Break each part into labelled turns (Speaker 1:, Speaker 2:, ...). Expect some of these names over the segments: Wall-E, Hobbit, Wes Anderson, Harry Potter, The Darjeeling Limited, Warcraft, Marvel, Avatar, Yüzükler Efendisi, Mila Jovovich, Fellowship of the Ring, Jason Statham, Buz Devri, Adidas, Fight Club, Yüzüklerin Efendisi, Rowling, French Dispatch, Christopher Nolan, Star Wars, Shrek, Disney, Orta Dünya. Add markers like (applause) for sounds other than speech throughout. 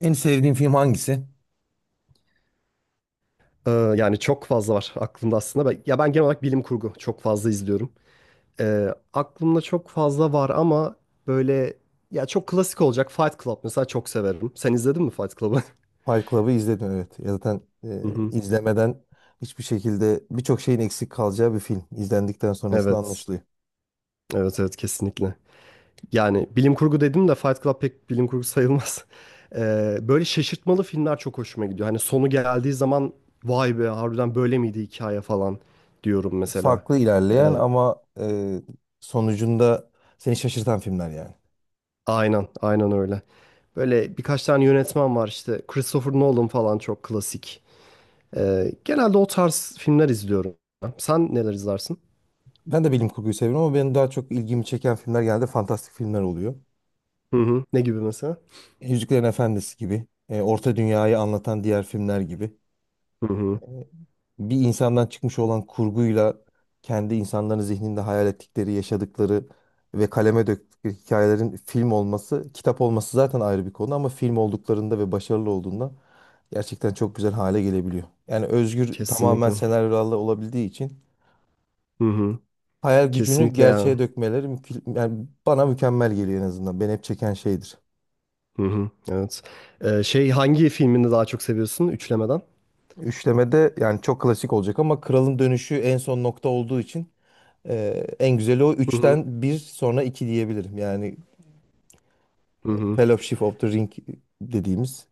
Speaker 1: En sevdiğin film hangisi?
Speaker 2: Yani çok fazla var aklımda aslında. Ben genel olarak bilim kurgu çok fazla izliyorum. Ee, aklımda çok fazla var ama böyle ya çok klasik olacak Fight Club mesela çok severim. Sen izledin mi Fight Club'ı? (laughs)
Speaker 1: Fight Club'ı izledim, evet. Ya zaten
Speaker 2: Hı hı.
Speaker 1: izlemeden hiçbir şekilde birçok şeyin eksik kalacağı bir film. İzlendikten sonrasında
Speaker 2: Evet.
Speaker 1: anlaşılıyor.
Speaker 2: Evet, evet, kesinlikle. Yani bilim kurgu dedim de Fight Club pek bilim kurgu sayılmaz. (laughs) Böyle şaşırtmalı filmler çok hoşuma gidiyor. Hani sonu geldiği zaman vay be harbiden böyle miydi hikaye falan diyorum mesela.
Speaker 1: Farklı ilerleyen
Speaker 2: Ee,
Speaker 1: ama sonucunda seni şaşırtan filmler yani.
Speaker 2: Aynen, aynen öyle. Böyle birkaç tane yönetmen var işte. Christopher Nolan falan çok klasik. Genelde o tarz filmler izliyorum. Sen neler izlersin?
Speaker 1: Ben de bilim kurguyu seviyorum ama benim daha çok ilgimi çeken filmler genelde fantastik filmler oluyor.
Speaker 2: Hı hı. Ne gibi mesela?
Speaker 1: Yüzüklerin Efendisi gibi, Orta Dünya'yı anlatan diğer filmler gibi.
Speaker 2: Hı hı.
Speaker 1: Bir insandan çıkmış olan kurguyla kendi insanların zihninde hayal ettikleri, yaşadıkları ve kaleme döktükleri hikayelerin film olması, kitap olması zaten ayrı bir konu ama film olduklarında ve başarılı olduğunda gerçekten çok güzel hale gelebiliyor. Yani özgür tamamen
Speaker 2: Kesinlikle.
Speaker 1: senaryolarla olabildiği için
Speaker 2: Hı hı.
Speaker 1: hayal gücünü
Speaker 2: Kesinlikle yani.
Speaker 1: gerçeğe dökmeleri yani bana mükemmel geliyor en azından. Beni hep çeken şeydir.
Speaker 2: Hı hı. Evet. Şey hangi filmini daha çok seviyorsun üçlemeden?
Speaker 1: Üçlemede yani çok klasik olacak ama Kralın Dönüşü en son nokta olduğu için en güzeli o,
Speaker 2: Hı hı.
Speaker 1: üçten bir sonra 2 diyebilirim. Yani
Speaker 2: Hı hı.
Speaker 1: Fellowship of the Ring dediğimiz.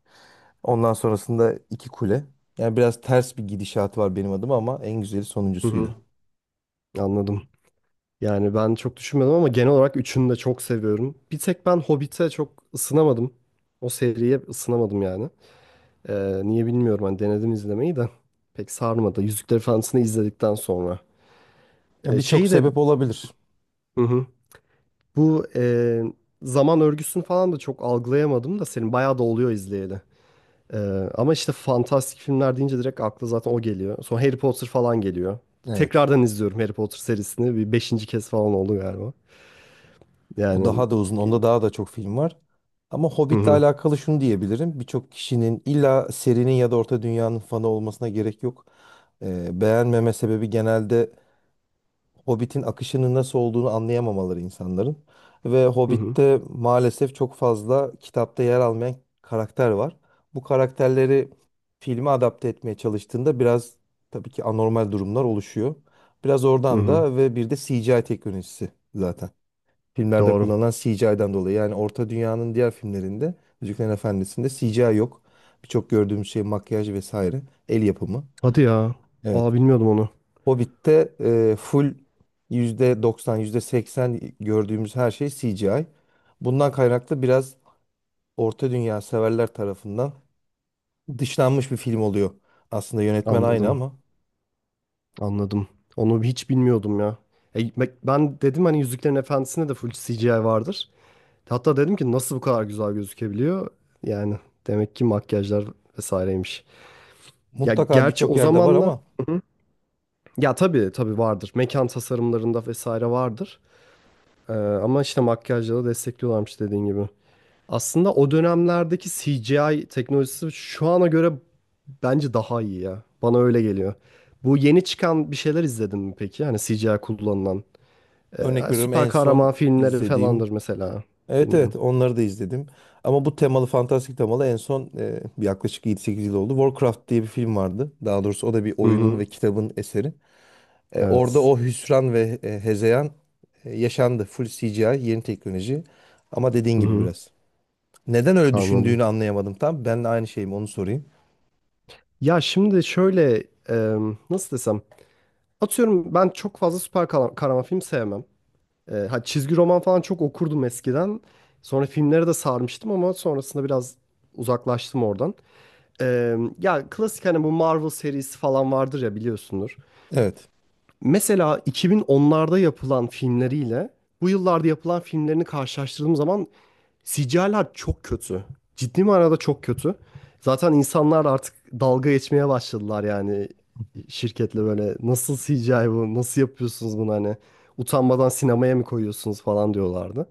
Speaker 1: Ondan sonrasında iki kule. Yani biraz ters bir gidişatı var benim adıma ama en güzeli
Speaker 2: Hı
Speaker 1: sonuncusuydu.
Speaker 2: hı. Anladım. Yani ben çok düşünmedim ama genel olarak üçünü de çok seviyorum. Bir tek ben Hobbit'e çok ısınamadım. O seriye ısınamadım yani. Niye bilmiyorum hani denedim izlemeyi de pek sarmadı. Yüzükler Efendisi'ni izledikten sonra.
Speaker 1: Ya birçok
Speaker 2: Şeyi de
Speaker 1: sebep olabilir.
Speaker 2: hı hı, bu zaman örgüsünü falan da çok algılayamadım da senin bayağı da oluyor izleyeli. Ee, ama işte fantastik filmler deyince direkt akla zaten o geliyor. Sonra Harry Potter falan geliyor.
Speaker 1: Evet.
Speaker 2: Tekrardan izliyorum Harry Potter serisini. Bir beşinci kez falan oldu galiba.
Speaker 1: O
Speaker 2: Yani
Speaker 1: daha da uzun. Onda daha da çok film var. Ama
Speaker 2: hı
Speaker 1: Hobbit'le
Speaker 2: hı,
Speaker 1: alakalı şunu diyebilirim. Birçok kişinin illa serinin ya da Orta Dünya'nın fanı olmasına gerek yok. Beğenmeme sebebi genelde Hobbit'in akışının nasıl olduğunu anlayamamaları insanların. Ve
Speaker 2: hı hı,
Speaker 1: Hobbit'te maalesef çok fazla kitapta yer almayan karakter var. Bu karakterleri filme adapte etmeye çalıştığında biraz tabii ki anormal durumlar oluşuyor. Biraz
Speaker 2: hı
Speaker 1: oradan
Speaker 2: hı.
Speaker 1: da, ve bir de CGI teknolojisi zaten. Filmlerde
Speaker 2: Doğru.
Speaker 1: kullanılan CGI'den dolayı. Yani Orta Dünya'nın diğer filmlerinde, Yüzüklerin Efendisi'nde CGI yok. Birçok gördüğümüz şey makyaj vesaire. El yapımı.
Speaker 2: Hadi ya.
Speaker 1: Evet.
Speaker 2: Aa, bilmiyordum onu.
Speaker 1: Hobbit'te full %90, %80 gördüğümüz her şey CGI. Bundan kaynaklı biraz Orta Dünya severler tarafından dışlanmış bir film oluyor. Aslında yönetmen aynı
Speaker 2: Anladım.
Speaker 1: ama
Speaker 2: Anladım. Onu hiç bilmiyordum ya. Bak ben dedim hani Yüzüklerin Efendisi'nde de full CGI vardır. Hatta dedim ki nasıl bu kadar güzel gözükebiliyor? Yani demek ki makyajlar vesaireymiş. Ya
Speaker 1: mutlaka
Speaker 2: gerçi
Speaker 1: birçok
Speaker 2: o
Speaker 1: yerde var
Speaker 2: zamanlar.
Speaker 1: ama
Speaker 2: Hı hı. Ya tabii, tabii vardır. Mekan tasarımlarında vesaire vardır. Ama işte makyajla da destekliyorlarmış dediğin gibi. Aslında o dönemlerdeki CGI teknolojisi şu ana göre bence daha iyi ya. Bana öyle geliyor. Bu yeni çıkan bir şeyler izledin mi peki? Hani CGI kullanılan.
Speaker 1: örnek veriyorum
Speaker 2: Süper
Speaker 1: en son
Speaker 2: kahraman filmleri
Speaker 1: izlediğim.
Speaker 2: falandır mesela.
Speaker 1: Evet, evet,
Speaker 2: Bilmiyorum.
Speaker 1: onları da izledim. Ama bu temalı, fantastik temalı en son yaklaşık 7-8 yıl oldu. Warcraft diye bir film vardı. Daha doğrusu o da bir
Speaker 2: Hı
Speaker 1: oyunun
Speaker 2: hı.
Speaker 1: ve kitabın eseri. Orada
Speaker 2: Evet.
Speaker 1: o hüsran ve hezeyan yaşandı. Full CGI, yeni teknoloji. Ama dediğin
Speaker 2: Hı
Speaker 1: gibi
Speaker 2: hı.
Speaker 1: biraz. Neden öyle
Speaker 2: Anladım.
Speaker 1: düşündüğünü anlayamadım tam. Ben de aynı şeyim, onu sorayım.
Speaker 2: Ya şimdi şöyle e, nasıl desem. Atıyorum ben çok fazla kahraman film sevmem. Çizgi roman falan çok okurdum eskiden. Sonra filmlere de sarmıştım ama sonrasında biraz uzaklaştım oradan. E, ya klasik hani bu Marvel serisi falan vardır ya biliyorsundur.
Speaker 1: Evet.
Speaker 2: Mesela 2010'larda yapılan filmleriyle bu yıllarda yapılan filmlerini karşılaştırdığım zaman Sicalar çok kötü. Ciddi manada çok kötü. Zaten insanlar artık dalga geçmeye başladılar yani şirketle böyle nasıl CGI, bu nasıl yapıyorsunuz bunu, hani utanmadan sinemaya mı koyuyorsunuz falan diyorlardı.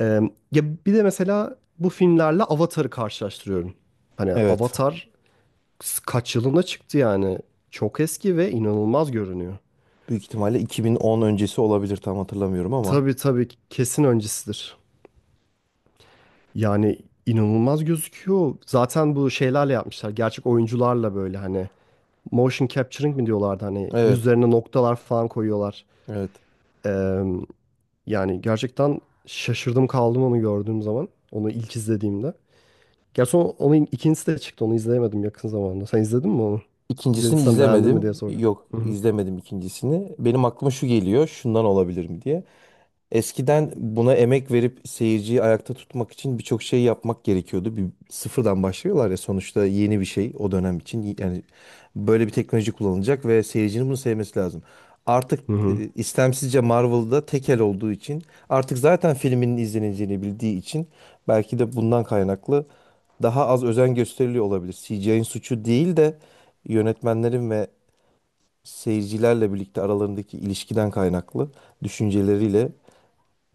Speaker 2: Ee, ya bir de mesela bu filmlerle Avatar'ı karşılaştırıyorum. Hani
Speaker 1: Evet.
Speaker 2: Avatar kaç yılında çıktı yani, çok eski ve inanılmaz görünüyor.
Speaker 1: Büyük ihtimalle 2010 öncesi olabilir, tam hatırlamıyorum ama.
Speaker 2: Tabii, tabii, kesin öncesidir. Yani inanılmaz gözüküyor. Zaten bu şeylerle yapmışlar. Gerçek oyuncularla böyle hani motion capturing mi diyorlardı, hani
Speaker 1: Evet.
Speaker 2: yüzlerine noktalar falan koyuyorlar.
Speaker 1: Evet.
Speaker 2: Ee, yani gerçekten şaşırdım kaldım onu gördüğüm zaman. Onu ilk izlediğimde. Gerçi onun ikincisi de çıktı. Onu izleyemedim yakın zamanda. Sen izledin mi onu?
Speaker 1: İkincisini
Speaker 2: İzlediysen beğendin mi diye
Speaker 1: izlemedim.
Speaker 2: soracağım.
Speaker 1: Yok,
Speaker 2: Hı hı.
Speaker 1: izlemedim ikincisini. Benim aklıma şu geliyor. Şundan olabilir mi diye. Eskiden buna emek verip seyirciyi ayakta tutmak için birçok şey yapmak gerekiyordu. Bir sıfırdan başlıyorlar ya sonuçta, yeni bir şey o dönem için. Yani böyle bir teknoloji kullanılacak ve seyircinin bunu sevmesi lazım. Artık
Speaker 2: Hı hı.
Speaker 1: istemsizce Marvel'da tekel olduğu için, artık zaten filminin izleneceğini bildiği için belki de bundan kaynaklı daha az özen gösteriliyor olabilir. CGI'nin suçu değil de yönetmenlerin ve seyircilerle birlikte aralarındaki ilişkiden kaynaklı düşünceleriyle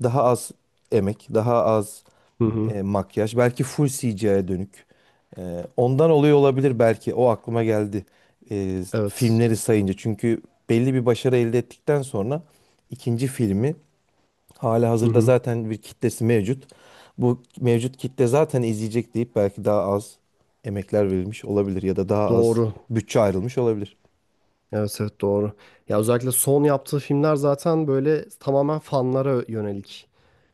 Speaker 1: daha az emek, daha az
Speaker 2: Hı hı.
Speaker 1: makyaj. Belki full CGI'ye dönük. Ondan oluyor olabilir belki. O aklıma geldi.
Speaker 2: Evet.
Speaker 1: Filmleri sayınca. Çünkü belli bir başarı elde ettikten sonra ikinci filmi, hala
Speaker 2: Hı
Speaker 1: hazırda
Speaker 2: hı.
Speaker 1: zaten bir kitlesi mevcut. Bu mevcut kitle zaten izleyecek deyip belki daha az emekler verilmiş olabilir ya da daha az
Speaker 2: Doğru.
Speaker 1: bütçe ayrılmış olabilir.
Speaker 2: Evet, evet, doğru. Ya özellikle son yaptığı filmler zaten böyle tamamen fanlara yönelik.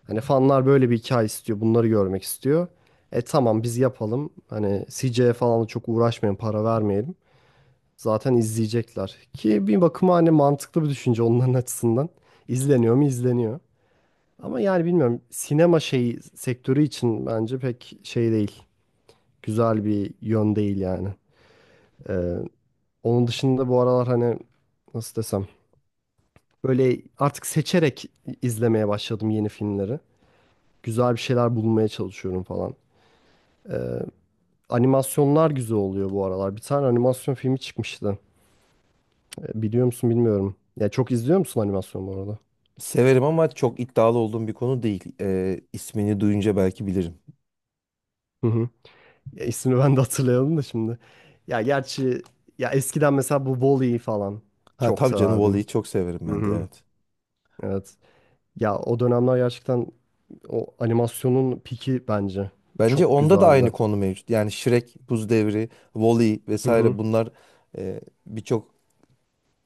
Speaker 2: Hani fanlar böyle bir hikaye istiyor. Bunları görmek istiyor. E tamam biz yapalım, hani CJ'ye falan da çok uğraşmayın, para vermeyelim. Zaten izleyecekler. Ki bir bakıma hani mantıklı bir düşünce onların açısından. İzleniyor mu? İzleniyor. Ama yani bilmiyorum, sinema şeyi sektörü için bence pek şey değil. Güzel bir yön değil yani. Ee, onun dışında bu aralar hani nasıl desem böyle artık seçerek izlemeye başladım yeni filmleri. Güzel bir şeyler bulmaya çalışıyorum falan. Ee, Animasyonlar güzel oluyor bu aralar. Bir tane animasyon filmi çıkmıştı. E, biliyor musun bilmiyorum. Ya çok izliyor musun animasyon bu arada?
Speaker 1: Severim ama çok iddialı olduğum bir konu değil. İsmini duyunca belki bilirim.
Speaker 2: Hı hı. Ya ismini ben de hatırlayalım da şimdi. Ya gerçi ya eskiden mesela bu Wall-E falan
Speaker 1: Ha
Speaker 2: çok
Speaker 1: tabii canım,
Speaker 2: severdim.
Speaker 1: Wall-E'yi çok severim
Speaker 2: Hı
Speaker 1: ben de,
Speaker 2: hı.
Speaker 1: evet.
Speaker 2: Evet. Ya o dönemler gerçekten o animasyonun piki bence
Speaker 1: Bence
Speaker 2: çok
Speaker 1: onda da aynı
Speaker 2: güzeldi.
Speaker 1: konu mevcut. Yani Shrek, Buz Devri, Wall-E
Speaker 2: Hı hı.
Speaker 1: vesaire bunlar birçok,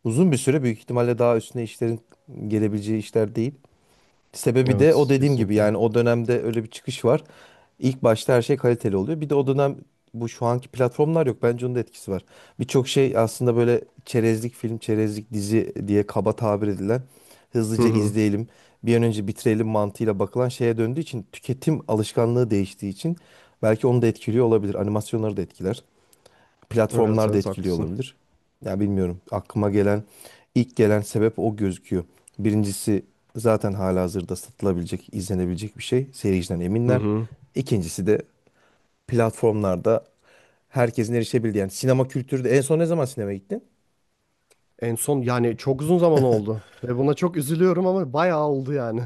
Speaker 1: uzun bir süre büyük ihtimalle daha üstüne işlerin gelebileceği işler değil. Sebebi de o
Speaker 2: Evet,
Speaker 1: dediğim gibi,
Speaker 2: kesinlikle.
Speaker 1: yani o dönemde öyle bir çıkış var. İlk başta her şey kaliteli oluyor. Bir de o dönem bu şu anki platformlar yok. Bence onun da etkisi var. Birçok şey aslında böyle çerezlik film, çerezlik dizi diye kaba tabir edilen,
Speaker 2: Hı
Speaker 1: hızlıca
Speaker 2: hı.
Speaker 1: izleyelim, bir an önce bitirelim mantığıyla bakılan şeye döndüğü için, tüketim alışkanlığı değiştiği için belki onu da etkiliyor olabilir. Animasyonları da etkiler,
Speaker 2: Evet,
Speaker 1: platformlar da
Speaker 2: evet,
Speaker 1: etkili
Speaker 2: haklısın.
Speaker 1: olabilir. Ya bilmiyorum. Aklıma gelen ilk gelen sebep o gözüküyor. Birincisi, zaten halihazırda satılabilecek, izlenebilecek bir şey. Seyirciden
Speaker 2: Hı
Speaker 1: eminler.
Speaker 2: hı.
Speaker 1: İkincisi de platformlarda herkesin erişebildiği. Yani sinema kültürü de, en son ne zaman sinemaya gittin?
Speaker 2: En son yani çok uzun zaman oldu ve buna çok üzülüyorum ama bayağı oldu yani.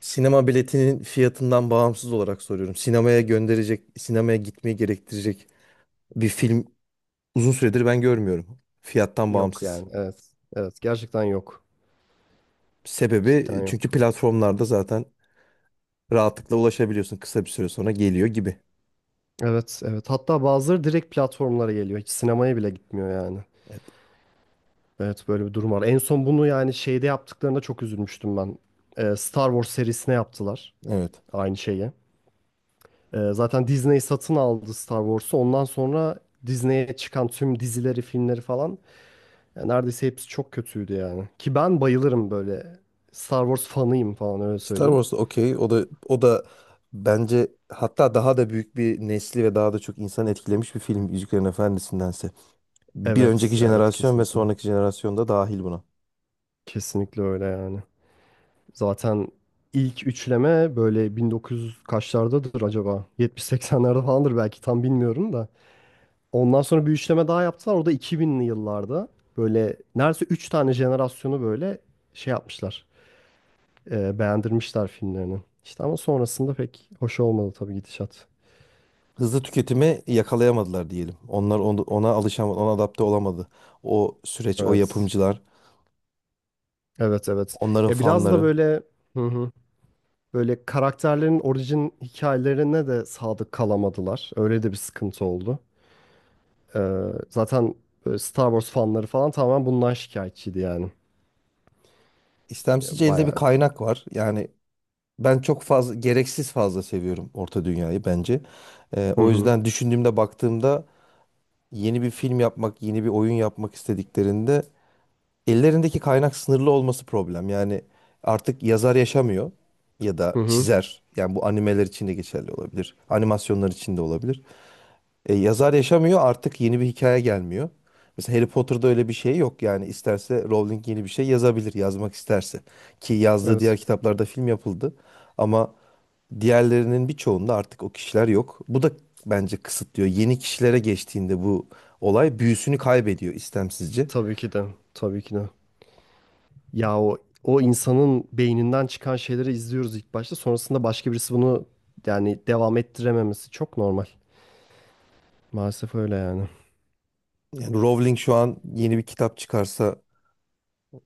Speaker 1: Sinema biletinin fiyatından bağımsız olarak soruyorum. Sinemaya gönderecek, sinemaya gitmeyi gerektirecek bir film uzun süredir ben görmüyorum. Fiyattan
Speaker 2: Yok
Speaker 1: bağımsız.
Speaker 2: yani, evet. Evet, gerçekten yok. Cidden
Speaker 1: Sebebi çünkü
Speaker 2: yok.
Speaker 1: platformlarda zaten rahatlıkla ulaşabiliyorsun. Kısa bir süre sonra geliyor gibi.
Speaker 2: Evet, evet, hatta bazıları direkt platformlara geliyor. Hiç sinemaya bile gitmiyor yani.
Speaker 1: Evet.
Speaker 2: Evet, böyle bir durum var. En son bunu yani şeyde yaptıklarında çok üzülmüştüm ben. Star Wars serisine yaptılar
Speaker 1: Evet.
Speaker 2: aynı şeyi. Zaten Disney satın aldı Star Wars'u. Ondan sonra Disney'e çıkan tüm dizileri, filmleri falan, yani neredeyse hepsi çok kötüydü yani. Ki ben bayılırım böyle, Star Wars fanıyım falan, öyle
Speaker 1: Star
Speaker 2: söyleyeyim.
Speaker 1: Wars da okey. O da, o da bence hatta daha da büyük bir nesli ve daha da çok insanı etkilemiş bir film Yüzüklerin Efendisi'ndense. Bir önceki
Speaker 2: Evet, evet,
Speaker 1: jenerasyon ve
Speaker 2: kesinlikle.
Speaker 1: sonraki jenerasyon da dahil buna.
Speaker 2: Kesinlikle öyle yani. Zaten ilk üçleme böyle 1900 kaçlardadır acaba? 70-80'lerde falandır, belki tam bilmiyorum da. Ondan sonra bir üçleme daha yaptılar. O da 2000'li yıllarda. Böyle neredeyse 3 tane jenerasyonu böyle şey yapmışlar, beğendirmişler filmlerini. İşte ama sonrasında pek hoş olmadı tabii gidişat.
Speaker 1: Hızlı tüketimi yakalayamadılar diyelim. Onlar ona alışamadı, ona adapte olamadı. O süreç, o
Speaker 2: Evet.
Speaker 1: yapımcılar,
Speaker 2: Evet, evet.
Speaker 1: onların
Speaker 2: Ya biraz da
Speaker 1: fanları.
Speaker 2: böyle hı hı, böyle karakterlerin orijin hikayelerine de sadık kalamadılar. Öyle de bir sıkıntı oldu. Zaten böyle Star Wars fanları falan tamamen bundan şikayetçiydi yani. Ya,
Speaker 1: İstemsizce elde bir
Speaker 2: bayağı.
Speaker 1: kaynak var. Yani ben çok fazla, gereksiz fazla seviyorum Orta Dünya'yı bence.
Speaker 2: Hı
Speaker 1: O
Speaker 2: hı.
Speaker 1: yüzden düşündüğümde, baktığımda yeni bir film yapmak, yeni bir oyun yapmak istediklerinde ellerindeki kaynak sınırlı olması problem. Yani artık yazar yaşamıyor ya da
Speaker 2: Hı hı.
Speaker 1: çizer. Yani bu animeler için de geçerli olabilir. Animasyonlar için de olabilir. Yazar yaşamıyor, artık yeni bir hikaye gelmiyor. Mesela Harry Potter'da öyle bir şey yok. Yani isterse Rowling yeni bir şey yazabilir, yazmak isterse. Ki yazdığı diğer
Speaker 2: Evet.
Speaker 1: kitaplarda film yapıldı. Ama diğerlerinin birçoğunda artık o kişiler yok. Bu da bence kısıtlıyor. Yeni kişilere geçtiğinde bu olay büyüsünü kaybediyor istemsizce.
Speaker 2: Tabii ki de. Tabii ki de. Ya o insanın beyninden çıkan şeyleri izliyoruz ilk başta. Sonrasında başka birisi bunu yani devam ettirememesi çok normal. Maalesef öyle yani.
Speaker 1: Yani Rowling şu an yeni bir kitap çıkarsa,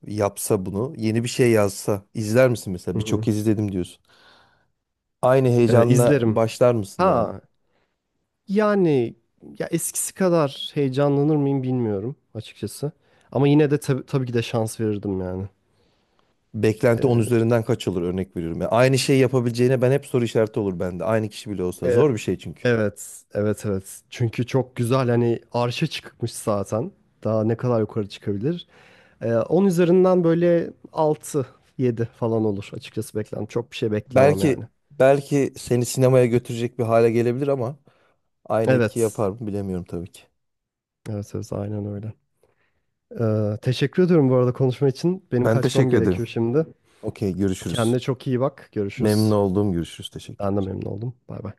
Speaker 1: yapsa bunu, yeni bir şey yazsa izler misin mesela?
Speaker 2: Hı
Speaker 1: Birçok
Speaker 2: hı.
Speaker 1: kez izledim diyorsun. Aynı heyecanla
Speaker 2: İzlerim.
Speaker 1: başlar mısın yani?
Speaker 2: Ha yani, ya eskisi kadar heyecanlanır mıyım bilmiyorum açıkçası. Ama yine de tabii ki de şans verirdim yani.
Speaker 1: Beklenti 10
Speaker 2: Ee,
Speaker 1: üzerinden kaç olur, örnek veriyorum. Yani aynı şeyi yapabileceğine ben, hep soru işareti olur bende. Aynı kişi bile olsa
Speaker 2: e-
Speaker 1: zor bir şey çünkü.
Speaker 2: Evet, evet, evet. Çünkü çok güzel, hani arşa çıkmış zaten. Daha ne kadar yukarı çıkabilir? 10 üzerinden böyle 6, 7 falan olur açıkçası beklentim. Çok bir şey beklemem yani.
Speaker 1: Belki, belki seni sinemaya götürecek bir hale gelebilir ama aynı etki
Speaker 2: Evet,
Speaker 1: yapar mı bilemiyorum tabii ki.
Speaker 2: evet, evet, aynen öyle. Teşekkür ediyorum bu arada konuşma için. Benim
Speaker 1: Ben
Speaker 2: kaçmam
Speaker 1: teşekkür ederim.
Speaker 2: gerekiyor şimdi.
Speaker 1: Okey, görüşürüz.
Speaker 2: Kendine çok iyi bak.
Speaker 1: Memnun
Speaker 2: Görüşürüz.
Speaker 1: olduğum, görüşürüz.
Speaker 2: Ben de
Speaker 1: Teşekkürler.
Speaker 2: memnun oldum. Bay bay.